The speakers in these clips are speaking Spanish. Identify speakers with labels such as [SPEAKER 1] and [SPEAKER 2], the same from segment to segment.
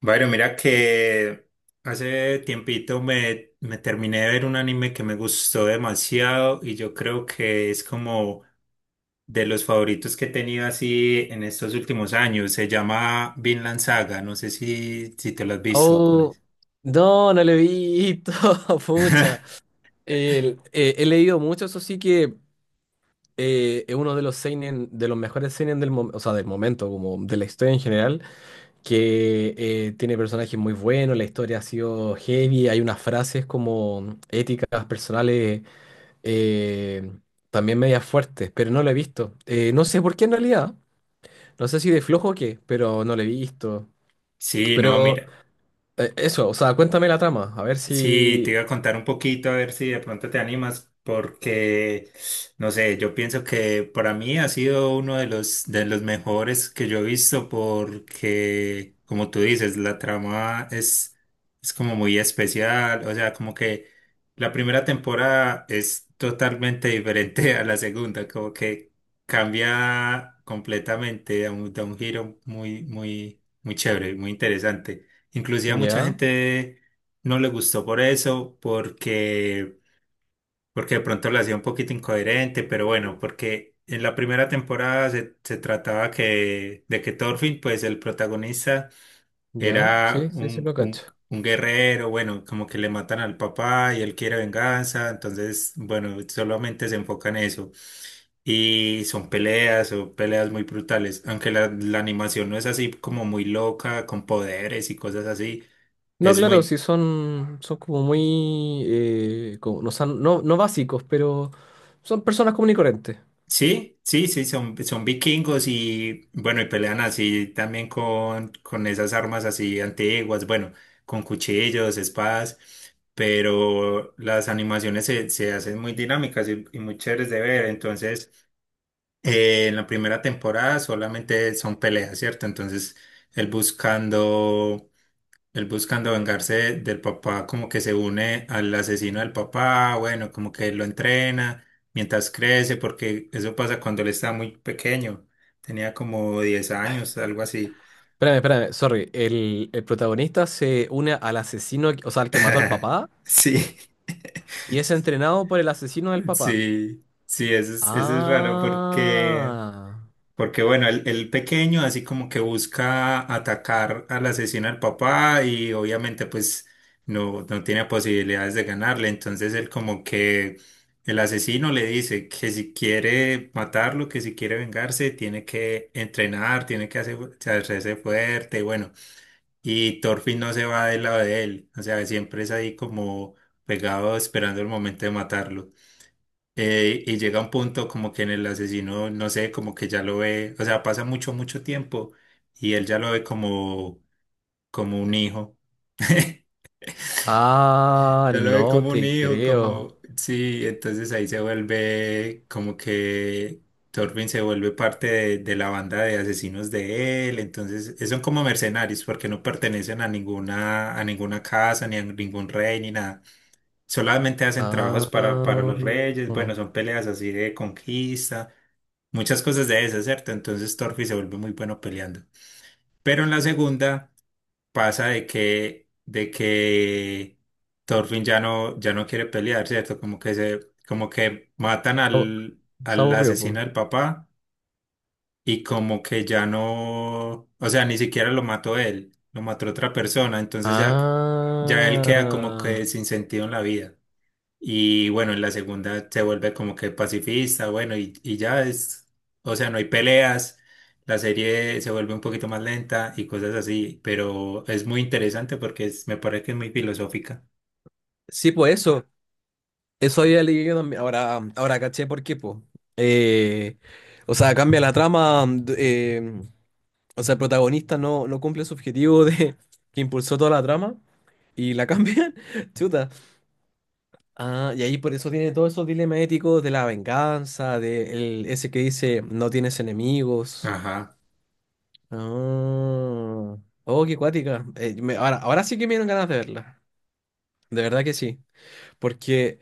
[SPEAKER 1] Bueno, mira que hace tiempito me terminé de ver un anime que me gustó demasiado y yo creo que es como de los favoritos que he tenido así en estos últimos años. Se llama Vinland Saga, no sé si te lo has visto con
[SPEAKER 2] Oh,
[SPEAKER 1] eso.
[SPEAKER 2] no, no lo he visto, pucha. He leído mucho, eso sí que es uno de los seinen, de los mejores seinen del momento, o sea, del momento, como de la historia en general, que tiene personajes muy buenos, la historia ha sido heavy, hay unas frases como éticas personales, eh, también medias fuertes, pero no lo he visto. No sé por qué en realidad, no sé si de flojo o qué, pero no lo he visto.
[SPEAKER 1] Sí, no,
[SPEAKER 2] Pero.
[SPEAKER 1] mira.
[SPEAKER 2] Eso, o sea, cuéntame la trama, a ver
[SPEAKER 1] Sí, te
[SPEAKER 2] si.
[SPEAKER 1] iba a contar un poquito a ver si de pronto te animas, porque no sé, yo pienso que para mí ha sido uno de los mejores que yo he visto, porque como tú dices, la trama es como muy especial, o sea, como que la primera temporada es totalmente diferente a la segunda, como que cambia completamente, da un giro muy muy muy chévere, muy interesante. Inclusive a mucha
[SPEAKER 2] Ya,
[SPEAKER 1] gente no le gustó por eso, porque de pronto la hacía un poquito incoherente, pero bueno, porque en la primera temporada se trataba de que Thorfinn, pues el protagonista,
[SPEAKER 2] ya,
[SPEAKER 1] era
[SPEAKER 2] sí, sí, sí
[SPEAKER 1] un,
[SPEAKER 2] lo cacho.
[SPEAKER 1] un, un guerrero, bueno, como que le matan al papá y él quiere venganza, entonces, bueno, solamente se enfoca en eso. Y son peleas muy brutales, aunque la animación no es así como muy loca, con poderes y cosas así.
[SPEAKER 2] No,
[SPEAKER 1] Es
[SPEAKER 2] claro,
[SPEAKER 1] muy,
[SPEAKER 2] sí son, como muy, no, no, no básicos, pero son personas comunes y corrientes.
[SPEAKER 1] sí, sí, sí, son vikingos y bueno, y pelean así también con esas armas así antiguas, bueno, con cuchillos, espadas, pero las animaciones se hacen muy dinámicas y muy chéveres de ver. Entonces, en la primera temporada solamente son peleas, ¿cierto? Entonces, él buscando él buscando vengarse del papá, como que se une al asesino del papá, bueno, como que lo entrena mientras crece, porque eso pasa cuando él está muy pequeño, tenía como 10 años, algo así.
[SPEAKER 2] Espérame, espérame, sorry, el protagonista se une al asesino, o sea, al que mató al papá,
[SPEAKER 1] Sí,
[SPEAKER 2] y es entrenado por el asesino del papá.
[SPEAKER 1] sí, sí, eso es raro porque
[SPEAKER 2] Ah,
[SPEAKER 1] porque bueno, el pequeño así como que busca atacar al asesino al papá y obviamente pues no tiene posibilidades de ganarle. Entonces él como que el asesino le dice que si quiere matarlo, que si quiere vengarse, tiene que entrenar, tiene que hacer, hacerse fuerte. Y bueno, y Thorfinn no se va del lado de él. O sea, siempre es ahí como pegado esperando el momento de matarlo. Y llega un punto como que en el asesino, no sé, como que ya lo ve, o sea, pasa mucho, mucho tiempo y él ya lo ve como, como un hijo.
[SPEAKER 2] ah,
[SPEAKER 1] Ya lo ve
[SPEAKER 2] no
[SPEAKER 1] como un
[SPEAKER 2] te
[SPEAKER 1] hijo,
[SPEAKER 2] creo.
[SPEAKER 1] como, sí, entonces ahí se vuelve como que Torvin se vuelve parte de la banda de asesinos de él, entonces son como mercenarios porque no pertenecen a ninguna casa, ni a ningún rey, ni nada, solamente hacen trabajos para
[SPEAKER 2] Ah,
[SPEAKER 1] los reyes, bueno, son peleas así de conquista, muchas cosas de esas, ¿cierto? Entonces Torfi se vuelve muy bueno peleando. Pero en la segunda pasa de que Thorfinn ya no, ya no quiere pelear, ¿cierto? Como que se, como que matan
[SPEAKER 2] oh,
[SPEAKER 1] al,
[SPEAKER 2] se
[SPEAKER 1] al
[SPEAKER 2] aburrió, pues.
[SPEAKER 1] asesino del papá y como que ya no, o sea, ni siquiera lo mató él, lo mató otra persona, entonces ya, ya él queda como
[SPEAKER 2] Ah.
[SPEAKER 1] que sin sentido en la vida. Y bueno, en la segunda se vuelve como que pacifista, bueno, y ya es, o sea, no hay peleas, la serie se vuelve un poquito más lenta y cosas así, pero es muy interesante porque es- me parece que es muy filosófica.
[SPEAKER 2] Sí, pues eso había leído también. Ahora, ahora caché por qué, pues. Eh, o sea, cambia la trama. O sea, el protagonista no cumple su objetivo de que impulsó toda la trama y la cambian. Chuta. Ah, y ahí por eso tiene todos esos dilemas éticos de la venganza, de ese que dice no tienes enemigos.
[SPEAKER 1] Ajá,
[SPEAKER 2] Ah, oh, qué cuática. Ahora, ahora sí que me dieron ganas de verla. De verdad que sí. Porque,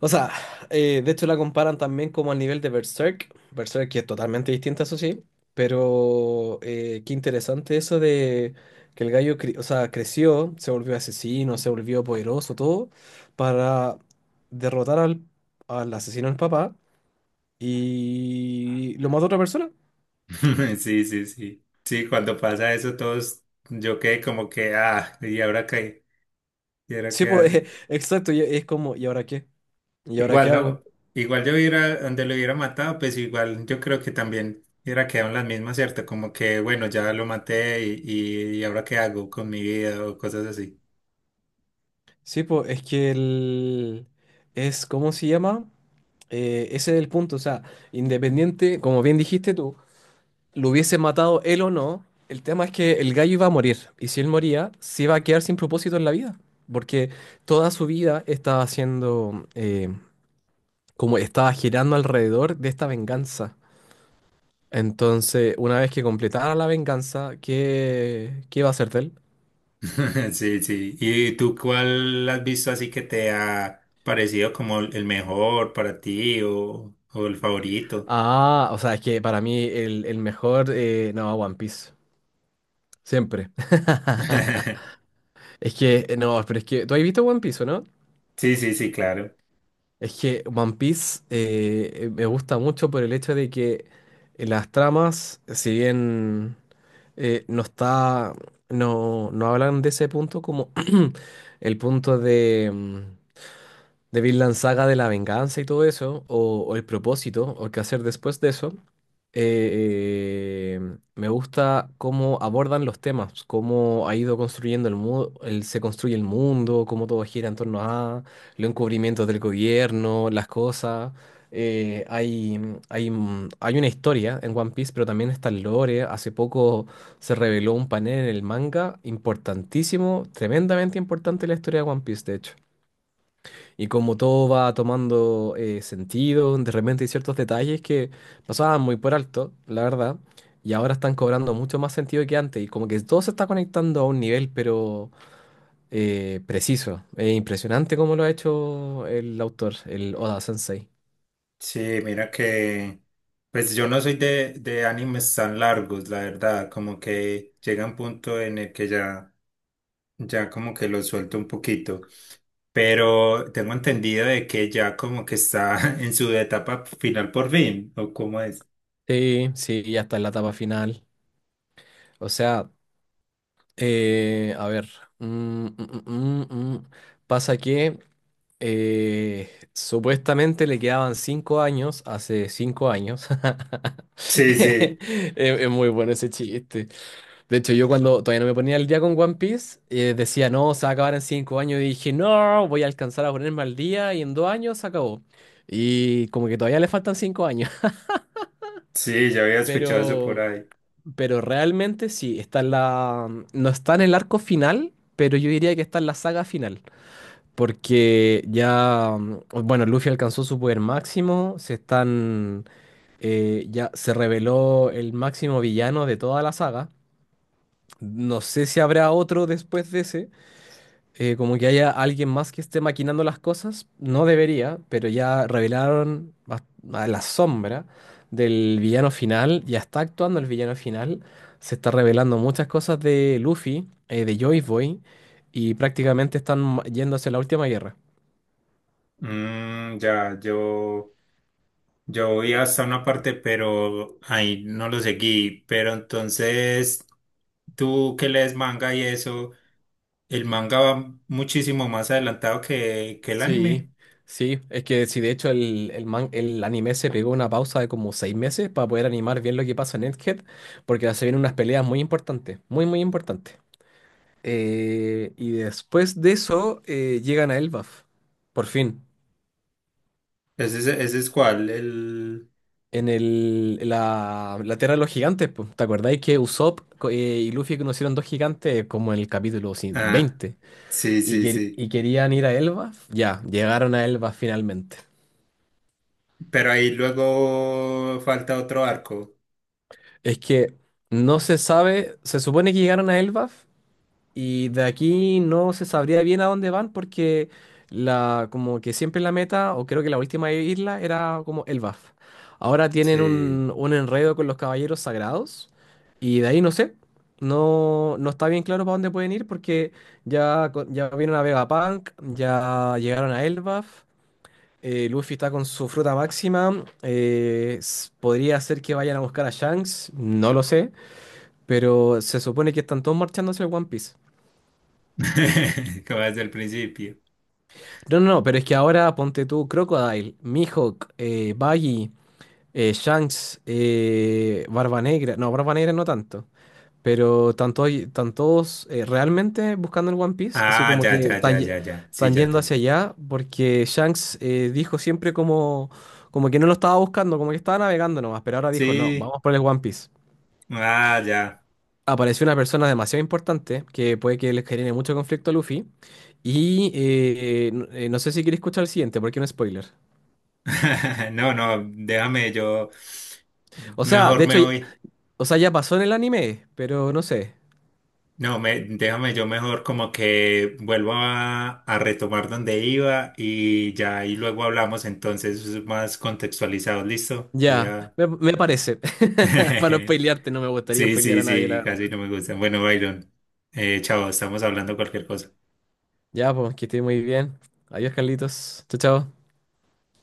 [SPEAKER 2] o sea, de hecho la comparan también como al nivel de Berserk. Berserk que es totalmente distinta, eso sí. Pero qué interesante eso de que el gallo, o sea, creció, se volvió asesino, se volvió poderoso, todo, para derrotar al asesino del papá y lo mató otra persona.
[SPEAKER 1] sí, sí, sí. Sí, cuando pasa eso todos, yo quedé como que, ah, ¿y ahora qué? ¿Y ahora
[SPEAKER 2] Sí,
[SPEAKER 1] qué
[SPEAKER 2] pues,
[SPEAKER 1] hace?
[SPEAKER 2] exacto, y es como, ¿y ahora qué? ¿Y ahora
[SPEAKER 1] Igual,
[SPEAKER 2] qué hago?
[SPEAKER 1] ¿no? Igual yo hubiera, donde lo hubiera matado, pues igual yo creo que también hubiera quedado en las mismas, ¿cierto? Como que, bueno, ya lo maté y ahora qué hago con mi vida o cosas así.
[SPEAKER 2] Sí, pues, es que el. Es, ¿cómo se llama? Ese es el punto, o sea, independiente, como bien dijiste tú, lo hubiese matado él o no, el tema es que el gallo iba a morir, y si él moría, se iba a quedar sin propósito en la vida, porque toda su vida estaba haciendo, como estaba girando alrededor de esta venganza. Entonces, una vez que completara la venganza, ¿qué iba a hacer de él?
[SPEAKER 1] Sí, sí. ¿Y tú cuál has visto así que te ha parecido como el mejor para ti o el favorito?
[SPEAKER 2] Ah, o sea, es que para mí el mejor, no, One Piece, siempre. Es que, no, pero es que, ¿tú has visto One Piece, o no?
[SPEAKER 1] Sí, sí, sí, claro.
[SPEAKER 2] Es que One Piece me gusta mucho por el hecho de que las tramas, si bien no está, no hablan de ese punto como el punto de Vinland Saga de la venganza y todo eso, o el propósito, o qué hacer después de eso, eh, eh, me gusta cómo abordan los temas, cómo ha ido construyendo el mundo, se construye el mundo, cómo todo gira en torno a los encubrimientos del gobierno, las cosas. Eh, hay, hay, hay una historia en One Piece, pero también está el lore. Hace poco se reveló un panel en el manga importantísimo, tremendamente importante en la historia de One Piece, de hecho. Y como todo va tomando sentido, de repente hay ciertos detalles que pasaban muy por alto, la verdad, y ahora están cobrando mucho más sentido que antes, y como que todo se está conectando a un nivel, pero preciso. Es impresionante cómo lo ha hecho el autor, el Oda Sensei.
[SPEAKER 1] Sí, mira que, pues yo no soy de animes tan largos, la verdad, como que llega un punto en el que ya... Ya como que lo suelto un poquito, pero tengo entendido de que ya como que está en su etapa final por fin, ¿o cómo es?
[SPEAKER 2] Sí, sí, ya está en la etapa final. O sea, a ver. mm, mm, mm, mm, mm. Pasa que supuestamente le quedaban 5 años, hace 5 años.
[SPEAKER 1] Sí, sí,
[SPEAKER 2] Es, es muy bueno ese chiste. De hecho, yo cuando todavía no me ponía al día con One Piece, decía, no, se va a acabar en 5 años. Y dije, no, voy a alcanzar a ponerme al día y en 2 años se acabó. Y como que todavía le faltan 5 años.
[SPEAKER 1] sí, ya había escuchado eso por
[SPEAKER 2] Pero,
[SPEAKER 1] ahí.
[SPEAKER 2] pero realmente sí, está en la, no está en el arco final, pero yo diría que está en la saga final. Porque ya, bueno, Luffy alcanzó su poder máximo, ya se reveló el máximo villano de toda la saga. No sé si habrá otro después de ese, como que haya alguien más que esté maquinando las cosas, no debería, pero ya revelaron a la sombra del villano final, ya está actuando el villano final, se está revelando muchas cosas de Luffy, de Joy Boy, y prácticamente están yendo hacia la última guerra.
[SPEAKER 1] Mm, ya, yo voy hasta una parte, pero ahí no lo seguí, pero entonces tú que lees manga y eso, el manga va muchísimo más adelantado que el
[SPEAKER 2] Sí,
[SPEAKER 1] anime.
[SPEAKER 2] sí, es que sí, de hecho el anime se pegó una pausa de como 6 meses para poder animar bien lo que pasa en Egghead, porque se vienen unas peleas muy importantes, muy, muy importantes. Y después de eso llegan a Elbaf, por fin,
[SPEAKER 1] Ese es cuál, el...
[SPEAKER 2] en la, la Tierra de los Gigantes. Po. ¿Te acordáis que Usopp y Luffy conocieron dos gigantes como en el capítulo sí,
[SPEAKER 1] Ah,
[SPEAKER 2] 20
[SPEAKER 1] sí, sí, sí.
[SPEAKER 2] y querían ir a Elbaf? Ya, llegaron a Elbaf finalmente.
[SPEAKER 1] Pero ahí luego falta otro arco.
[SPEAKER 2] Es que no se sabe, se supone que llegaron a Elbaf y de aquí no se sabría bien a dónde van porque como que siempre la meta, o creo que la última isla era como Elbaf. Ahora tienen
[SPEAKER 1] Sí.
[SPEAKER 2] un enredo con los caballeros sagrados y de ahí no sé, no está bien claro para dónde pueden ir porque ya, ya vieron a Vegapunk, ya llegaron a Elbaf. Eh, Luffy está con su fruta máxima. Podría ser que vayan a buscar a Shanks, no lo sé. Pero se supone que están todos marchando hacia el One Piece.
[SPEAKER 1] Como desde el principio.
[SPEAKER 2] No, no, no, pero es que ahora ponte tú Crocodile, Mihawk, Buggy, Shanks, Barba Negra. No, Barba Negra no tanto. Pero realmente buscando el One Piece. Así
[SPEAKER 1] Ah,
[SPEAKER 2] como
[SPEAKER 1] ya,
[SPEAKER 2] que
[SPEAKER 1] ya, ya, ya, ya. Sí,
[SPEAKER 2] están
[SPEAKER 1] ya
[SPEAKER 2] yendo
[SPEAKER 1] entendí.
[SPEAKER 2] hacia allá porque Shanks dijo siempre como que no lo estaba buscando, como que estaba navegando nomás. Pero ahora dijo, no,
[SPEAKER 1] Sí,
[SPEAKER 2] vamos por el One Piece.
[SPEAKER 1] ah, ya.
[SPEAKER 2] Apareció una persona demasiado importante que puede que les genere mucho conflicto a Luffy. Y no, no sé si queréis escuchar el siguiente, porque es un spoiler.
[SPEAKER 1] No, no, déjame yo.
[SPEAKER 2] O sea, de
[SPEAKER 1] Mejor me
[SPEAKER 2] hecho,
[SPEAKER 1] voy.
[SPEAKER 2] o sea, ya pasó en el anime, pero no sé.
[SPEAKER 1] No, me, déjame yo mejor como que vuelvo a retomar donde iba y ya y luego hablamos entonces más contextualizados. Listo. Voy
[SPEAKER 2] Ya,
[SPEAKER 1] a.
[SPEAKER 2] me parece. Para no spoilearte, no me gustaría
[SPEAKER 1] Sí,
[SPEAKER 2] spoilear
[SPEAKER 1] sí,
[SPEAKER 2] a nadie, la
[SPEAKER 1] sí, casi
[SPEAKER 2] verdad.
[SPEAKER 1] no me gustan. Bueno, Byron, chao, estamos hablando cualquier cosa.
[SPEAKER 2] Ya, pues, que esté muy bien. Adiós, Carlitos. Chao, chao.